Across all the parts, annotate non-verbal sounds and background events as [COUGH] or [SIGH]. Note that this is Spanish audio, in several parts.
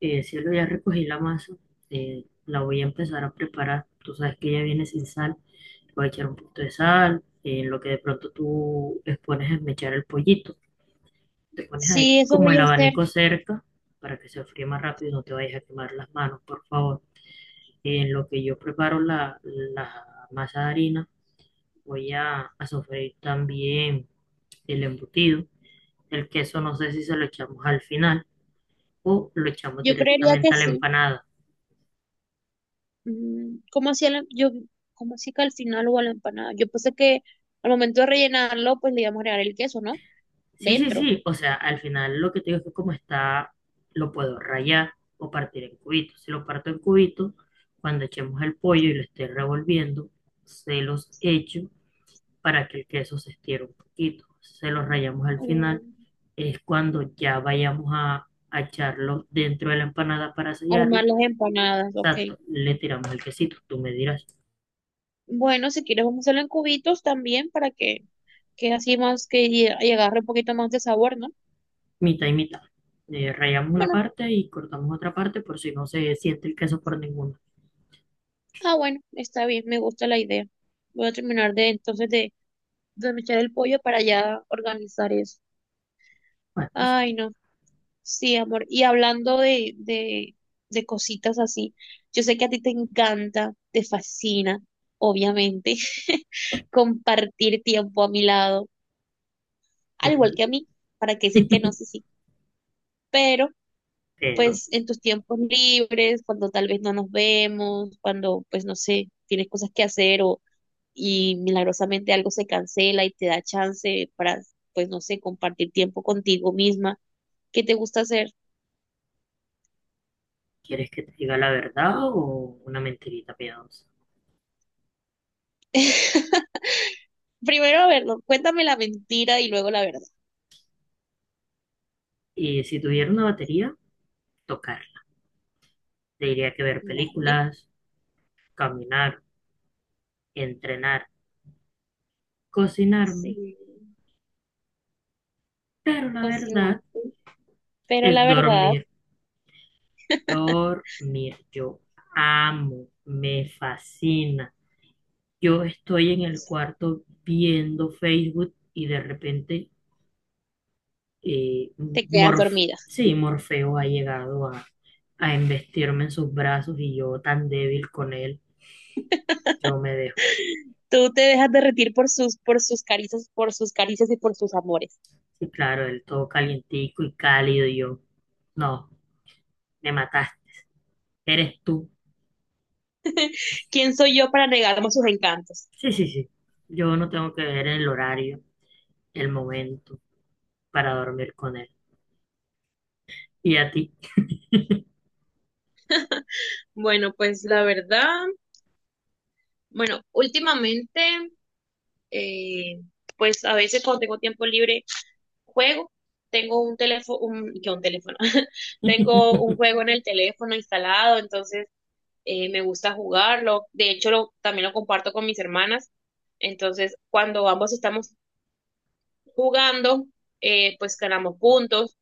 Cielo, ya recogí la masa, la voy a empezar a preparar. Tú sabes que ella viene sin sal, le voy a echar un poquito de sal, lo que de pronto tú les pones a mechar el pollito. Te pones ahí Sí, eso como voy el a hacer. abanico cerca para que se enfríe más rápido y no te vayas a quemar las manos, por favor. En lo que yo preparo la masa de harina, voy a sofreír también el embutido. El queso no sé si se lo echamos al final o lo echamos Yo creería que directamente a la sí. empanada. Mm, ¿cómo hacía cómo hacía que al final o a la empanada? Yo pensé que al momento de rellenarlo, pues le íbamos a agregar el queso, ¿no? Sí, sí, Dentro. sí. O sea, al final lo que te digo es que como está, lo puedo rayar o partir en cubitos. Si lo parto en cubitos, cuando echemos el pollo y lo esté revolviendo, se los echo para que el queso se estire un poquito. Se los rayamos al final. Mm, Es cuando ya vayamos a echarlo dentro de la empanada para sellarlo. armar las empanadas, ok. Exacto, le tiramos el quesito. Tú me dirás, Bueno, si quieres vamos a hacerlo en cubitos también para que así más que agarre un poquito más de sabor, ¿no? mitad y mitad. Rayamos una Bueno, parte y cortamos otra parte por si no se siente el queso por ninguna. ah, bueno, está bien, me gusta la idea. Voy a terminar de entonces de mechar el pollo para ya organizar eso. Bueno, sí. Ay, no. Sí, amor. Y hablando de cositas así, yo sé que a ti te encanta, te fascina, obviamente, [LAUGHS] compartir tiempo a mi lado, al Ok. igual que a mí, para qué decir que no, sí, sí. Pero, Pero, pues, en tus tiempos libres, cuando tal vez no nos vemos, cuando, pues, no sé, tienes cosas que hacer o y milagrosamente algo se cancela y te da chance para, pues, no sé, compartir tiempo contigo misma, ¿qué te gusta hacer? ¿quieres que te diga la verdad o una mentirita piadosa? [LAUGHS] Primero, a ver, no, cuéntame la mentira y luego la verdad. Y si tuviera una batería, tocar. Te diría que ver Vale, películas, caminar, entrenar, cocinarme. sí, Pero la verdad cocinaste, pero la es verdad, dormir. [LAUGHS] Dormir. Yo amo, me fascina. Yo estoy en el cuarto viendo Facebook y de repente. Y te quedas Morf, dormida. sí, Morfeo ha llegado a embestirme en sus brazos y yo tan débil con él, yo me dejo. Tú te dejas derretir por sus caricias, por sus caricias y por sus amores. Sí, claro, él todo calientico y cálido y yo, no, me mataste, eres tú. ¿Quién soy yo para negarme sus encantos? Sí, sí, sí, yo no tengo que ver el horario, el momento para dormir con él. ¿Y a ti? [LAUGHS] Bueno, pues la verdad, bueno, últimamente, eh, pues a veces cuando tengo tiempo libre, juego. Tengo un teléfono, un, que un teléfono, [LAUGHS] tengo un Entiendo. juego en el teléfono instalado, entonces me gusta jugarlo, de hecho también lo comparto con mis hermanas, entonces cuando ambos estamos jugando, pues ganamos puntos,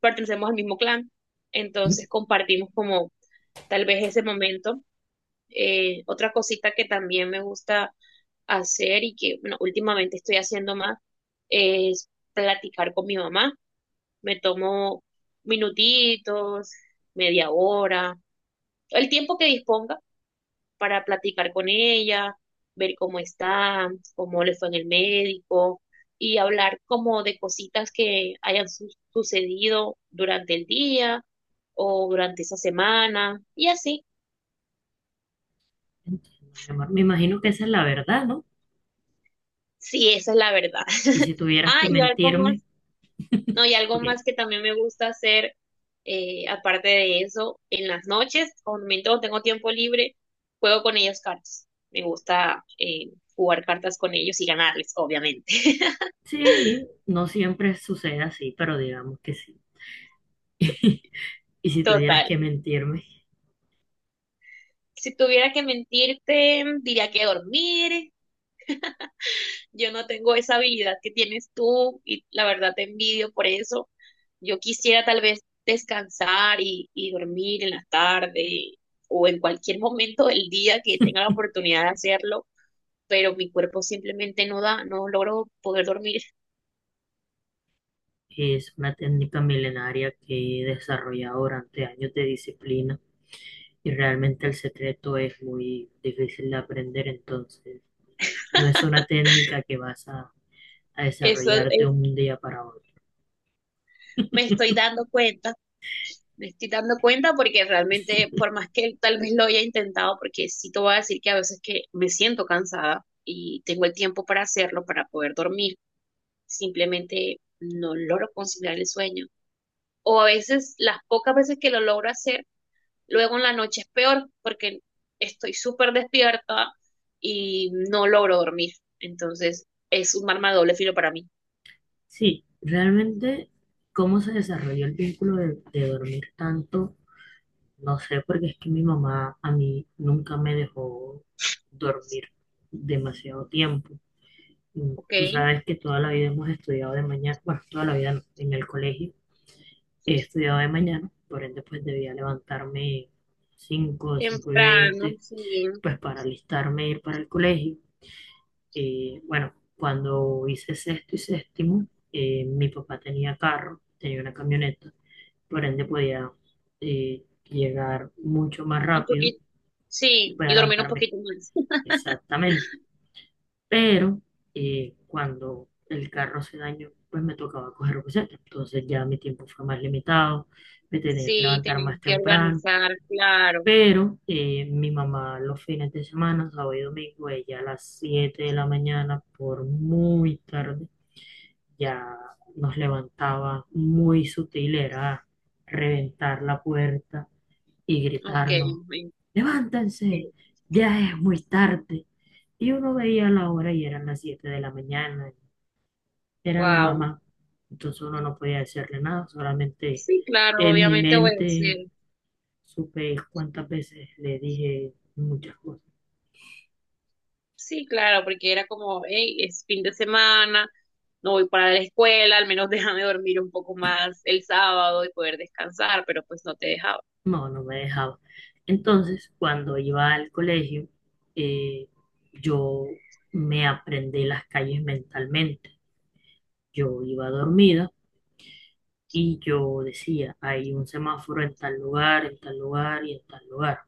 pertenecemos al mismo clan, entonces compartimos como tal vez ese momento. Otra cosita que también me gusta hacer y que bueno, últimamente estoy haciendo más es platicar con mi mamá. Me tomo minutitos, media hora, el tiempo que disponga para platicar con ella, ver cómo está, cómo le fue en el médico y hablar como de cositas que hayan sucedido durante el día o durante esa semana y así. Mi amor, me imagino que esa es la verdad, ¿no? Sí, esa es la verdad. Y si [LAUGHS] tuvieras Ah, que y algo mentirme, más, no, y algo ok. más que también me gusta hacer, aparte de eso, en las noches, cuando tengo tiempo libre, juego con ellos cartas. Me gusta jugar cartas con ellos y ganarles, obviamente. [LAUGHS] Sí, no siempre sucede así, pero digamos que sí. [LAUGHS] Y si tuvieras Total. que mentirme, Si tuviera que mentirte, diría que dormir. Yo no tengo esa habilidad que tienes tú y la verdad te envidio por eso. Yo quisiera tal vez descansar y dormir en la tarde o en cualquier momento del día que tenga la oportunidad de hacerlo, pero mi cuerpo simplemente no da, no logro poder dormir. es una técnica milenaria que he desarrollado durante años de disciplina y realmente el secreto es muy difícil de aprender, entonces no es una técnica que vas a [LAUGHS] Eso desarrollar de un día para otro. me estoy [LAUGHS] dando cuenta. Me estoy dando cuenta porque realmente, por más que tal vez lo haya intentado, porque sí te voy a decir que a veces que me siento cansada y tengo el tiempo para hacerlo, para poder dormir, simplemente no logro conciliar el sueño. O a veces, las pocas veces que lo logro hacer, luego en la noche es peor porque estoy súper despierta y no logro dormir. Entonces, es un arma de doble filo para mí. Sí, realmente cómo se desarrolló el vínculo de dormir tanto. No sé, porque es que mi mamá a mí nunca me dejó dormir demasiado tiempo. Mm. Ok, Tú sabes que toda la vida hemos estudiado de mañana, bueno, toda la vida no, en el colegio he estudiado de mañana, por ende pues debía levantarme cinco cinco y temprano, veinte sí, pues para alistarme e ir para el colegio. Bueno, cuando hice sexto y séptimo, mi papá tenía carro, tenía una camioneta, por ende podía llegar mucho más un rápido. poquito, sí, Voy a y dormir un levantarme poquito más. [LAUGHS] exactamente. Pero cuando el carro se dañó, pues me tocaba coger buseta. Entonces ya mi tiempo fue más limitado, me tenía que Sí, levantar más tenían que temprano. organizar, claro. Pero mi mamá los fines de semana, sábado y domingo, ella a las 7 de la mañana, por muy tarde, ya nos levantaba muy sutil, era reventar la puerta y Ok, gritarnos: levántense, ya es muy tarde. Y uno veía la hora y eran las 7 de la mañana, era la wow. mamá. Entonces uno no podía hacerle nada, solamente Sí, claro, en mi obviamente mente obedecer. supe cuántas veces le dije muchas cosas. Sí, claro, porque era como, hey, es fin de semana, no voy para la escuela, al menos [LAUGHS] déjame dormir un poco más el sábado y poder descansar, pero pues no te dejaba. No, no me dejaba. Entonces, cuando iba al colegio, eh, yo me aprendí las calles mentalmente. Yo iba dormida y yo decía: hay un semáforo en tal lugar y en tal lugar.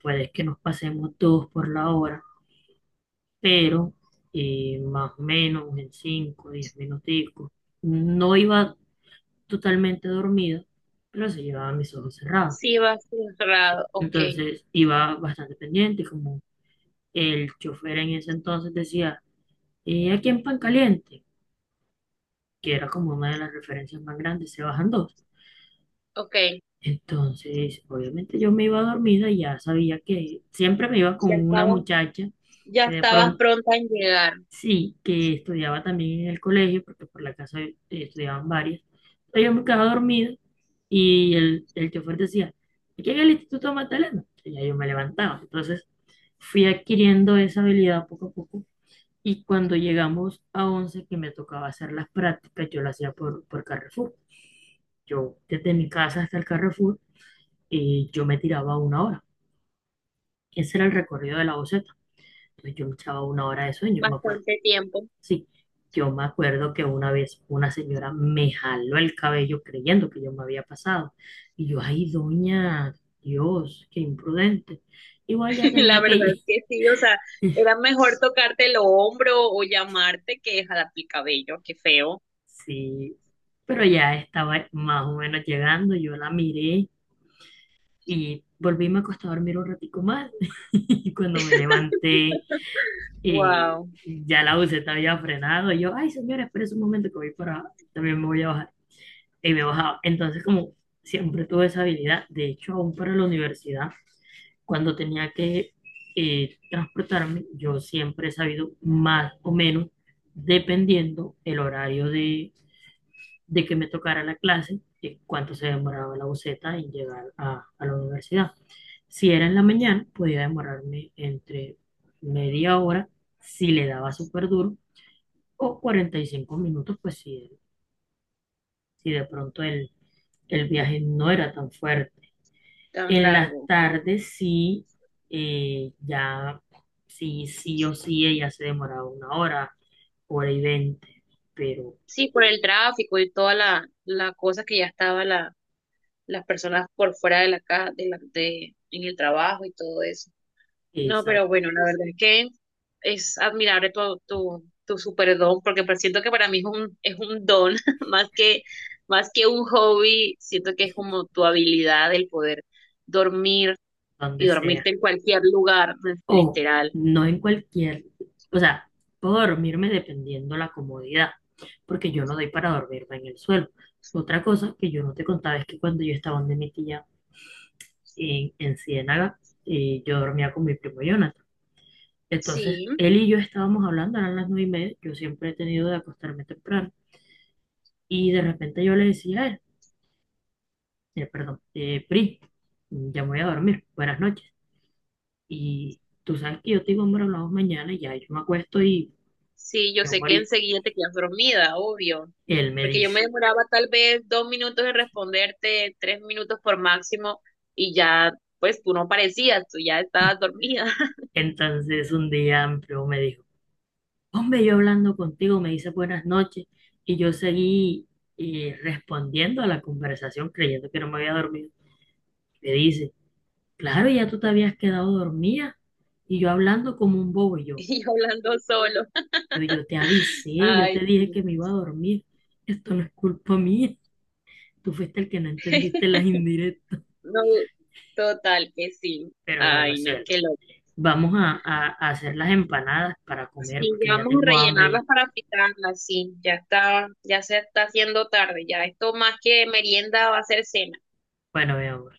Puede que nos pasemos todos por la hora, pero más o menos en 5, 10 minuticos. No iba totalmente dormida, pero se llevaba mis ojos cerrados. Sí, vas ¿Sí? cerrado. Ok, Entonces iba bastante pendiente, como el chofer en ese entonces decía: aquí en Pan Caliente, que era como una de las referencias más grandes, se bajan dos. ok. Entonces, obviamente yo me iba dormida y ya sabía que siempre me iba Ya con una estabas, muchacha ya que de estabas pronto, pronta en llegar, sí, que estudiaba también en el colegio, porque por la casa estudiaban varias. Entonces yo me quedaba dormida y el chofer decía: aquí en el Instituto Magdalena. Y ya yo me levantaba. Entonces fui adquiriendo esa habilidad poco a poco y cuando llegamos a 11 que me tocaba hacer las prácticas, yo las hacía por Carrefour. Yo desde mi casa hasta el Carrefour y yo me tiraba una hora. Ese era el recorrido de la boceta. Entonces yo me echaba una hora de sueño, me acuerdo. bastante tiempo. Sí, yo me acuerdo que una vez una señora me jaló el cabello creyendo que yo me había pasado. Y yo, ay, doña, Dios, qué imprudente. Igual ya [LAUGHS] La tenía que verdad es ir. que [LAUGHS] sí, o sea, era mejor tocarte el hombro o llamarte que jalar el cabello, qué feo. Sí, pero ya estaba más o menos llegando, yo la miré y volví y me acosté a dormir un ratico más. [LAUGHS] Y cuando me levanté, [LAUGHS] Y Wow, ya el auto se había frenado. Y yo, ay, señora, espérese un momento que voy para. También me voy a bajar. Y me bajaba. Entonces, como siempre tuve esa habilidad, de hecho, aún para la universidad, cuando tenía que transportarme, yo siempre he sabido más o menos, dependiendo el horario de que me tocara la clase, cuánto se demoraba la buceta en llegar a la universidad. Si era en la mañana, podía demorarme entre media hora si le daba súper duro o 45 minutos, pues si, si de pronto el viaje no era tan fuerte. tan En las largo. Ok. tardes sí, ya sí, sí o sí, ella se demoraba una hora, hora y veinte, pero Sí, por el tráfico y toda la cosa que ya estaba las personas por fuera de la casa, en el trabajo y todo eso. No, pero exacto bueno, la verdad es que es admirable tu super don, porque pues siento que para mí es es un don, [LAUGHS] más que, más que un hobby, siento que es como tu habilidad el poder dormir y donde sea dormirte en cualquier lugar, pues, o literal. no en cualquier, o sea, puedo dormirme dependiendo la comodidad, porque yo no doy para dormirme en el suelo. Otra cosa que yo no te contaba es que cuando yo estaba donde mi tía en Ciénaga, yo dormía con mi primo Jonathan. Entonces, Sí, él y yo estábamos hablando, eran las 9:30, yo siempre he tenido de acostarme temprano, y de repente yo le decía a él: perdón, Pri, ya me voy a dormir, buenas noches. Y tú sabes que yo te digo: hombre, hablamos mañana. Y ya yo me acuesto y sí, yo yo sé que morí. enseguida te quedas dormida, obvio, Y él me porque yo me dice. demoraba tal vez dos minutos en responderte, tres minutos por máximo, y ya, pues tú no parecías, tú ya estabas dormida. Entonces un día amplio me dijo: hombre, yo hablando contigo me dice buenas noches y yo seguí respondiendo a la conversación creyendo que no me había dormido. Me dice: claro, ya tú te habías quedado dormida y yo hablando como un bobo y [LAUGHS] y yo hablando solo. [LAUGHS] Yo, te avisé, yo te Ay, dije sí. que me iba a dormir, esto no es culpa mía, tú fuiste el que no entendiste las [LAUGHS] indirectas. no, total que sí. Pero bueno, Ay, no, cielo, qué loco. vamos a hacer las empanadas para comer Sí, porque ya ya vamos a tengo hambre ya. rellenarlas para fritarlas, sí, ya está, ya se está haciendo tarde, ya esto más que merienda va a ser cena. Bueno, mi amor.